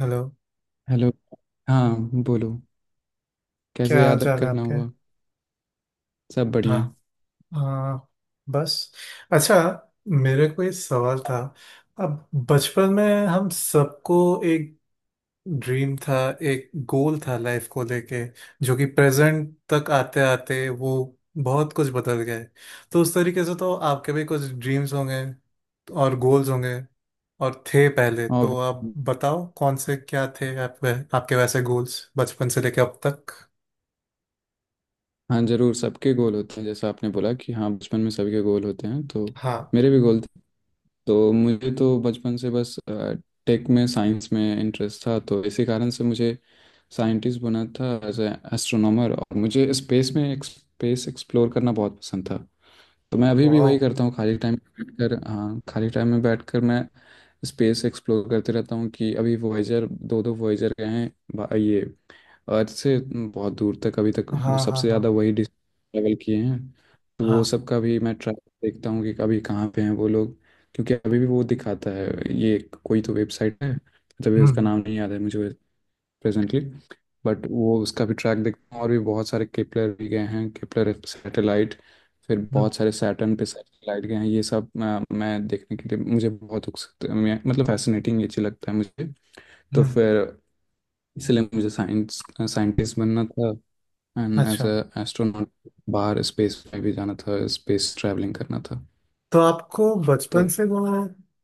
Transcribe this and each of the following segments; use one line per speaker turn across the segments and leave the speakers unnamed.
Hello.
Hello. हाँ, बोलो। कैसे
क्या हाल
याद
चाल है
करना
आपके?
हुआ? सब
हाँ।
बढ़िया।
आ, बस। अच्छा, मेरे को एक सवाल था। अब बचपन में हम सबको एक ड्रीम था, एक गोल था लाइफ को लेके, जो कि प्रेजेंट तक आते आते वो बहुत कुछ बदल गए। तो उस तरीके से तो आपके भी कुछ ड्रीम्स होंगे और गोल्स होंगे और थे, पहले
और
तो आप बताओ कौन से क्या थे आप, आपके वैसे गोल्स बचपन से लेके अब तक।
हाँ, जरूर सबके गोल होते हैं। जैसा आपने बोला कि हाँ बचपन में सभी के गोल होते हैं, तो
हाँ।
मेरे भी गोल थे। तो मुझे तो बचपन से बस टेक में, साइंस में इंटरेस्ट था, तो इसी कारण से मुझे साइंटिस्ट बना था एज ए एस्ट्रोनॉमर। और मुझे स्पेस में, स्पेस एक्सप्लोर करना बहुत पसंद था। तो मैं अभी भी
वाह।
वही करता हूँ खाली टाइम में बैठकर। हाँ, खाली टाइम में बैठकर मैं स्पेस एक्सप्लोर करते रहता हूँ कि अभी वॉयेजर दो दो वॉयेजर गए हैं, ये अर्थ से बहुत दूर तक अभी तक वो
हाँ हाँ
सबसे
हाँ
ज़्यादा वही ट्रैवल किए हैं। तो वो
हाँ।
सब का भी मैं ट्रैक देखता हूँ कि अभी कहाँ पे हैं वो लोग, क्योंकि अभी भी वो दिखाता है ये। कोई तो वेबसाइट है, तभी
हम्म।
उसका नाम नहीं याद है मुझे प्रेजेंटली। बट वो उसका भी ट्रैक देखता हूँ। और भी बहुत सारे केपलर भी गए हैं, केपलर सैटेलाइट। फिर
हम्म,
बहुत सारे सैटर्न पे सैटेलाइट गए हैं। ये सब मैं देखने के लिए मुझे बहुत उत्सुक, मतलब फैसिनेटिंग ये चीज़ लगता है मुझे। तो
हम्म,
फिर इसलिए मुझे साइंस साइंटिस्ट बनना था एंड एज
अच्छा,
अ एस्ट्रोनॉट। बाहर स्पेस में भी जाना था, स्पेस ट्रैवलिंग करना था।
तो आपको बचपन
तो
से वो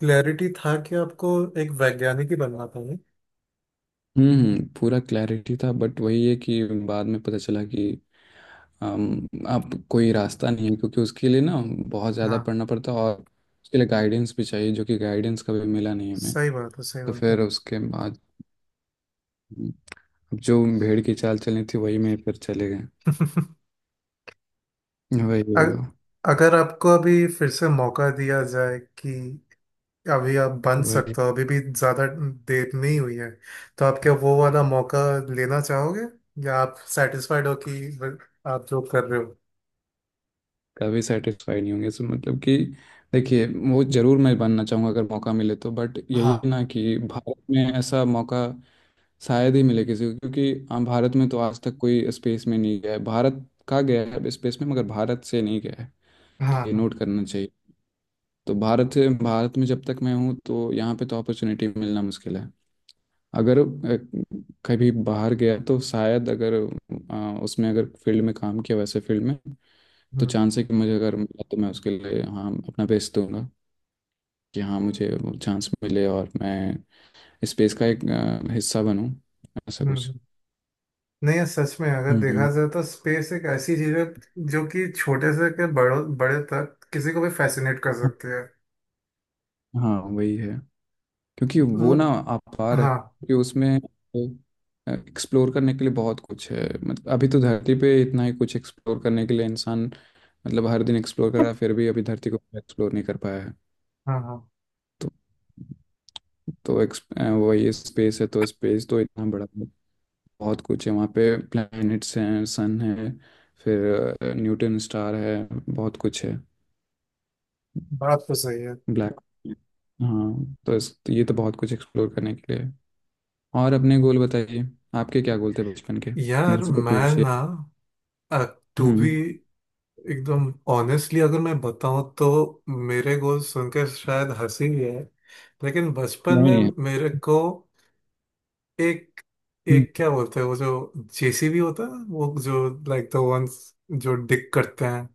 क्लैरिटी था कि आपको एक वैज्ञानिक ही बनना था, नहीं?
हम्म, पूरा क्लैरिटी था बट वही है कि बाद में पता चला कि अब कोई रास्ता नहीं है, क्योंकि उसके लिए ना बहुत ज़्यादा
हाँ,
पढ़ना पड़ता है और उसके लिए गाइडेंस भी चाहिए, जो कि गाइडेंस कभी मिला नहीं हमें।
सही बात है, सही
तो
बात है।
फिर उसके बाद अब जो भेड़ की चाल चलनी थी वही में फिर चले गए। वही
अग-
हुआ।
अगर आपको अभी फिर से मौका दिया जाए कि अभी आप बन
वही
सकते हो, अभी भी ज्यादा देर नहीं हुई है, तो आप क्या वो वाला मौका लेना चाहोगे या आप सेटिस्फाइड हो कि आप जो कर रहे हो?
कभी सेटिस्फाई नहीं होंगे, सो मतलब कि देखिए, वो जरूर मैं बनना चाहूँगा अगर मौका मिले तो, बट यही
हाँ
ना कि भारत में ऐसा मौका शायद ही मिले किसी को, क्योंकि भारत में तो आज तक कोई स्पेस में नहीं गया है। भारत का गया है स्पेस में मगर भारत से नहीं गया है,
हाँ
ये
हाँ।
नोट करना चाहिए। तो भारत भारत में जब तक मैं हूँ तो यहाँ पे तो अपॉर्चुनिटी मिलना मुश्किल है। अगर कभी बाहर गया तो शायद, अगर उसमें अगर फील्ड में काम किया, वैसे फील्ड में, तो
हम्म
चांस है कि मुझे अगर मिला तो मैं उसके लिए हाँ अपना बेस्ट दूंगा, कि हाँ मुझे वो चांस मिले और मैं स्पेस का एक हिस्सा बनूं, ऐसा कुछ।
हम्म। नहीं यार, सच में अगर
हम्म।
देखा जाए तो स्पेस एक ऐसी चीज है जो कि छोटे से के बड़ों बड़े तक किसी को भी फैसिनेट कर
हाँ।
सकती है।
हाँ, वही है। क्योंकि वो
मु
ना अपार है,
हाँ
क्योंकि उसमें एक्सप्लोर करने के लिए बहुत कुछ है। मतलब अभी तो धरती पे इतना ही कुछ एक्सप्लोर करने के लिए इंसान, मतलब हर दिन एक्सप्लोर कर रहा है, फिर भी अभी धरती को एक्सप्लोर नहीं कर पाया है।
हाँ हाँ।
तो तो एक्स वही स्पेस है, तो स्पेस तो इतना बड़ा है, बहुत कुछ है वहाँ पे। प्लैनेट्स हैं, सन है, फिर न्यूटन स्टार है, बहुत कुछ है।
बात तो सही है।
ब्लैक हाँ, तो ये तो बहुत कुछ एक्सप्लोर करने के लिए है। और अपने गोल बताइए, आपके क्या गोल थे बचपन के? मेरे
यार
से तो
मैं
पूछ लिया।
ना टू बी
हम्म।
एकदम ऑनेस्टली अगर मैं बताऊं तो, मेरे गोल सुनकर शायद हंसी भी है, लेकिन बचपन
नहीं,
में
नहीं।
मेरे को एक,
हम्म।
एक क्या बोलते हैं वो जो जेसीबी होता है वो, जो लाइक द वंस जो डिग करते हैं,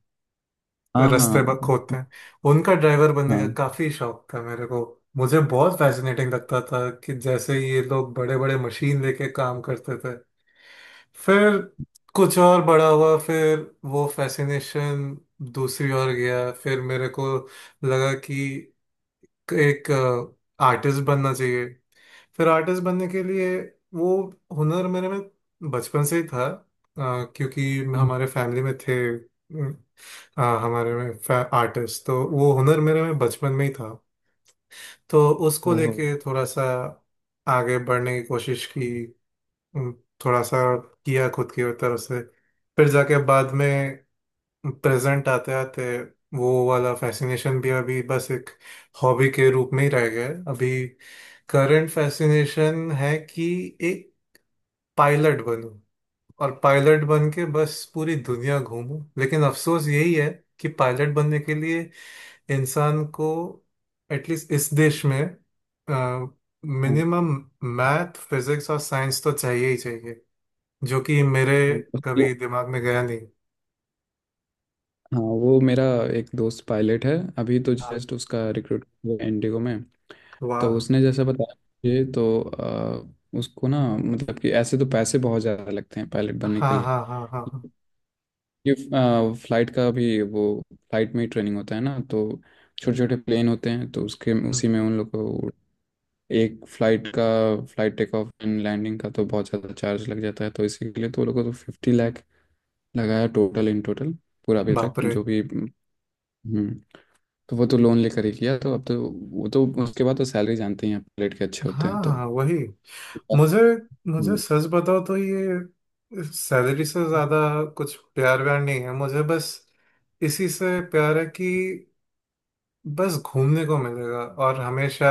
हाँ,
रास्ते
हाँ,
खोदते हैं, उनका ड्राइवर बनने का
हाँ।
काफी शौक था मेरे को। मुझे बहुत फैसिनेटिंग लगता था कि जैसे ये लोग बड़े बड़े मशीन लेके काम करते थे। फिर कुछ और बड़ा हुआ, फिर वो फैसिनेशन दूसरी ओर गया। फिर मेरे को लगा कि एक आर्टिस्ट बनना चाहिए। फिर आर्टिस्ट बनने के लिए वो हुनर मेरे में बचपन से ही था क्योंकि हमारे फैमिली में थे, हाँ हमारे में आर्टिस्ट, तो वो हुनर मेरे में बचपन में ही था। तो उसको
ओहो।
लेके थोड़ा सा आगे बढ़ने की कोशिश की, उम, थोड़ा सा किया खुद की तरफ से। फिर जाके बाद में प्रेजेंट आते आते वो वाला फैसिनेशन भी अभी बस एक हॉबी के रूप में ही रह गया है। अभी करंट फैसिनेशन है कि एक पायलट बनूं और पायलट बन के बस पूरी दुनिया घूमूं। लेकिन अफसोस यही है कि पायलट बनने के लिए इंसान को एटलीस्ट इस देश में
हाँ।
मिनिमम मैथ फिजिक्स और साइंस तो चाहिए ही चाहिए, जो कि मेरे
हाँ उसके-
कभी दिमाग में गया नहीं।
हाँ, वो मेरा एक दोस्त पायलट है। अभी तो
हाँ।
जस्ट उसका रिक्रूट इंडिगो में। तो
वाह।
उसने जैसा बताया मुझे तो, उसको ना, मतलब कि ऐसे तो पैसे बहुत ज़्यादा लगते हैं पायलट बनने
हाँ
के लिए।
हाँ हाँ हाँ हाँ।
ये फ्लाइट का भी, वो फ्लाइट में ही ट्रेनिंग होता है ना, तो छोटे छोटे प्लेन होते हैं, तो उसके
हम्म,
उसी में उन लोग को एक फ्लाइट का, flight take off and landing का तो बहुत ज़्यादा चार्ज लग जाता है, तो इसी के लिए तो वो लोगों को तो 50 लाख लगाया, टोटल, इन टोटल पूरा अभी तक
बाप रे।
जो भी। हम्म। तो वो तो लोन लेकर ही किया, तो अब तो वो तो उसके बाद तो सैलरी जानते ही हैं, पायलट के अच्छे होते
हाँ
हैं
हाँ
तो।
हाँ, वही, मुझे, मुझे
हम्म,
सच बताओ तो ये सैलरी से ज्यादा कुछ प्यार व्यार नहीं है मुझे। बस इसी से प्यार है कि बस घूमने को मिलेगा और हमेशा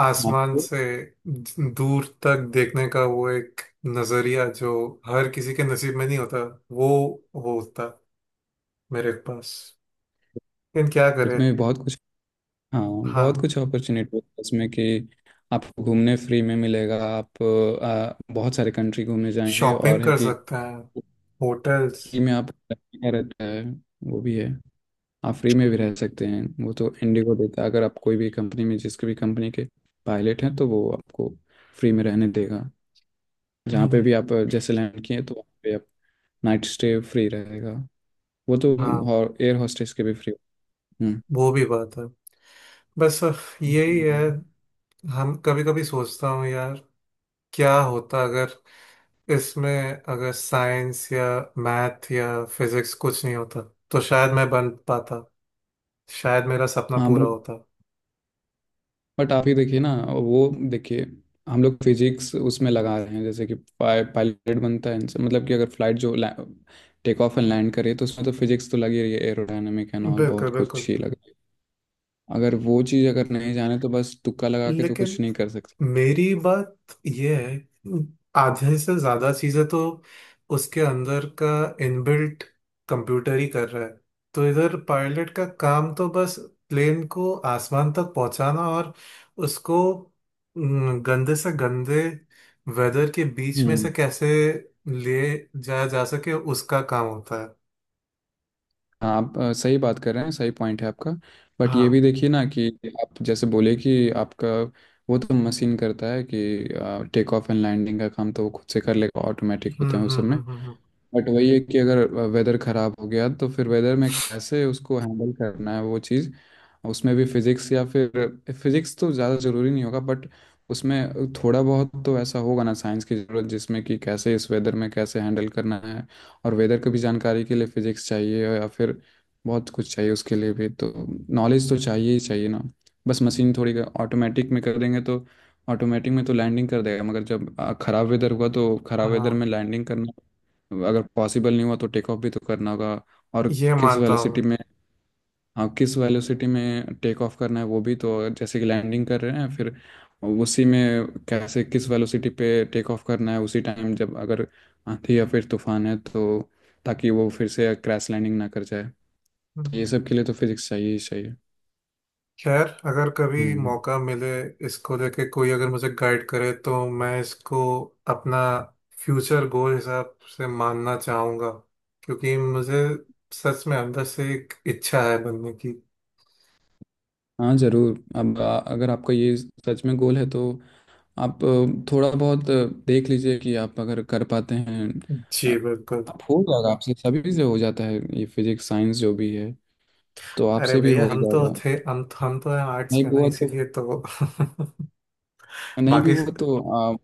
आसमान
आपको
से दूर तक देखने का वो एक नजरिया जो हर किसी के नसीब में नहीं होता, वो वो होता मेरे पास। लेकिन क्या करे।
इसमें बहुत कुछ। हाँ,
हाँ।
बहुत कुछ अपॉर्चुनिटी है इसमें कि आपको घूमने फ्री में मिलेगा। आप बहुत सारे कंट्री घूमने जाएंगे
शॉपिंग
और है
कर
कि
सकते हैं, होटल्स।
फ्री में आप, रहता है, वो भी है। आप फ्री में भी रह सकते हैं, वो तो इंडिगो देता है। अगर आप कोई भी कंपनी में, जिसकी भी कंपनी के पायलट हैं, तो वो आपको फ्री में रहने देगा। जहाँ पे
हम्म,
भी आप जैसे लैंड किए तो वहाँ पे आप नाइट स्टे फ्री रहेगा। वो तो
हाँ,
एयर हॉस्टेस के भी फ्री। हम्म।
वो भी बात है। बस यही है।
हम्म।
हम कभी कभी सोचता हूँ यार, क्या होता अगर इसमें अगर साइंस या मैथ या फिजिक्स कुछ नहीं होता, तो शायद मैं बन पाता, शायद मेरा सपना
हाँ,
पूरा
बट
होता।
बट आप ही देखिए ना, वो देखिए हम लोग फिजिक्स उसमें लगा रहे हैं। जैसे कि पायलट बनता है इनसे, मतलब कि अगर फ्लाइट जो टेक ऑफ एंड लैंड करे तो उसमें तो फिजिक्स तो लगी रही है, एरोडायनेमिक एंड ऑल
बिल्कुल
बहुत
बिल्कुल।
कुछ ही लगा। अगर वो चीज़ अगर नहीं जाने तो बस तुक्का लगा के तो कुछ
लेकिन
नहीं कर सकते।
मेरी बात यह है, आधे से ज्यादा चीजें तो उसके अंदर का इनबिल्ट कंप्यूटर ही कर रहा है। तो इधर पायलट का काम तो बस प्लेन को आसमान तक पहुंचाना और उसको, गंदे से गंदे वेदर के बीच में से
हम्म।
कैसे ले जाया जा सके, उसका काम होता है।
आप सही बात कर रहे हैं, सही पॉइंट है आपका। बट ये भी
हाँ।
देखिए ना, कि आप जैसे बोले कि आपका वो तो मशीन करता है, कि टेक ऑफ एंड लैंडिंग का काम तो वो खुद से कर लेगा, ऑटोमेटिक
हम्म
होते हैं उस
हम्म
सब में।
हम्म हम्म हम्म,
बट वही है कि अगर वेदर खराब हो गया तो फिर वेदर में कैसे उसको हैंडल करना है वो चीज़, उसमें भी फिजिक्स या फिर फिजिक्स तो ज़्यादा ज़रूरी नहीं होगा बट उसमें थोड़ा बहुत तो ऐसा होगा ना साइंस की ज़रूरत, जिसमें कि कैसे इस वेदर में कैसे हैंडल करना है। और वेदर की भी जानकारी के लिए फिजिक्स चाहिए या फिर बहुत कुछ चाहिए उसके लिए भी, तो नॉलेज तो चाहिए ही चाहिए ना। बस मशीन थोड़ी ऑटोमेटिक में कर देंगे, तो ऑटोमेटिक में तो लैंडिंग कर देगा मगर जब खराब वेदर हुआ तो खराब वेदर
हाँ,
में लैंडिंग करना अगर पॉसिबल नहीं हुआ तो टेक ऑफ भी तो करना होगा। और
ये
किस
मानता
वेलोसिटी
हूँ
में हाँ, किस वेलोसिटी में टेक ऑफ करना है वो भी, तो जैसे कि लैंडिंग कर रहे हैं फिर उसी में कैसे, किस वेलोसिटी पे टेक ऑफ करना है उसी टाइम, जब अगर आंधी या फिर तूफान है तो, ताकि वो फिर से क्रैश लैंडिंग ना कर जाए। तो ये
मैं।
सब के लिए तो फिजिक्स चाहिए ही चाहिए।
खैर, अगर कभी
हम्म।
मौका मिले, इसको लेके कोई अगर मुझे गाइड करे, तो मैं इसको अपना फ्यूचर गोल हिसाब से मानना चाहूँगा, क्योंकि मुझे सच में अंदर से एक इच्छा है बनने की।
हाँ, ज़रूर। अब अगर आपका ये सच में गोल है तो आप थोड़ा बहुत देख लीजिए कि आप अगर कर पाते हैं। अ,
जी बिल्कुल।
आप, हो जाएगा आपसे, सभी से हो जाता है ये फिजिक्स साइंस जो भी है, तो
अरे
आपसे भी
भैया,
हो ही
हम तो
जाएगा।
थे, हम तो हैं आर्ट्स
नहीं
के ना,
हुआ तो
इसीलिए तो।
नहीं भी
बाकी
हुआ तो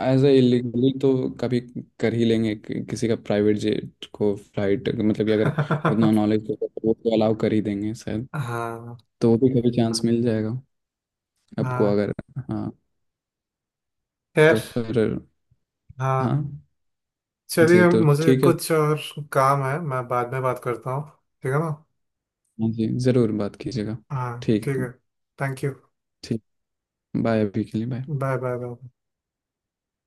एज ए इलीगली तो कभी कर ही लेंगे कि, किसी का प्राइवेट जेट को फ्लाइट, मतलब कि अगर उतना
हाँ
नॉलेज होगा तो वो तो अलाउ कर ही देंगे शायद। तो वो भी कभी चांस मिल जाएगा आपको
हाँ।
अगर। हाँ।
खैर,
तो फिर हाँ
हाँ,
जी,
चलिए,
तो
मुझे
ठीक है।
कुछ और काम है, मैं बाद में बात करता हूँ, ठीक है ना?
हाँ जी, ज़रूर बात कीजिएगा।
हाँ,
ठीक
ठीक
है।
है। Thank you.
ठीक। बाय, अभी के लिए बाय।
Bye bye bye.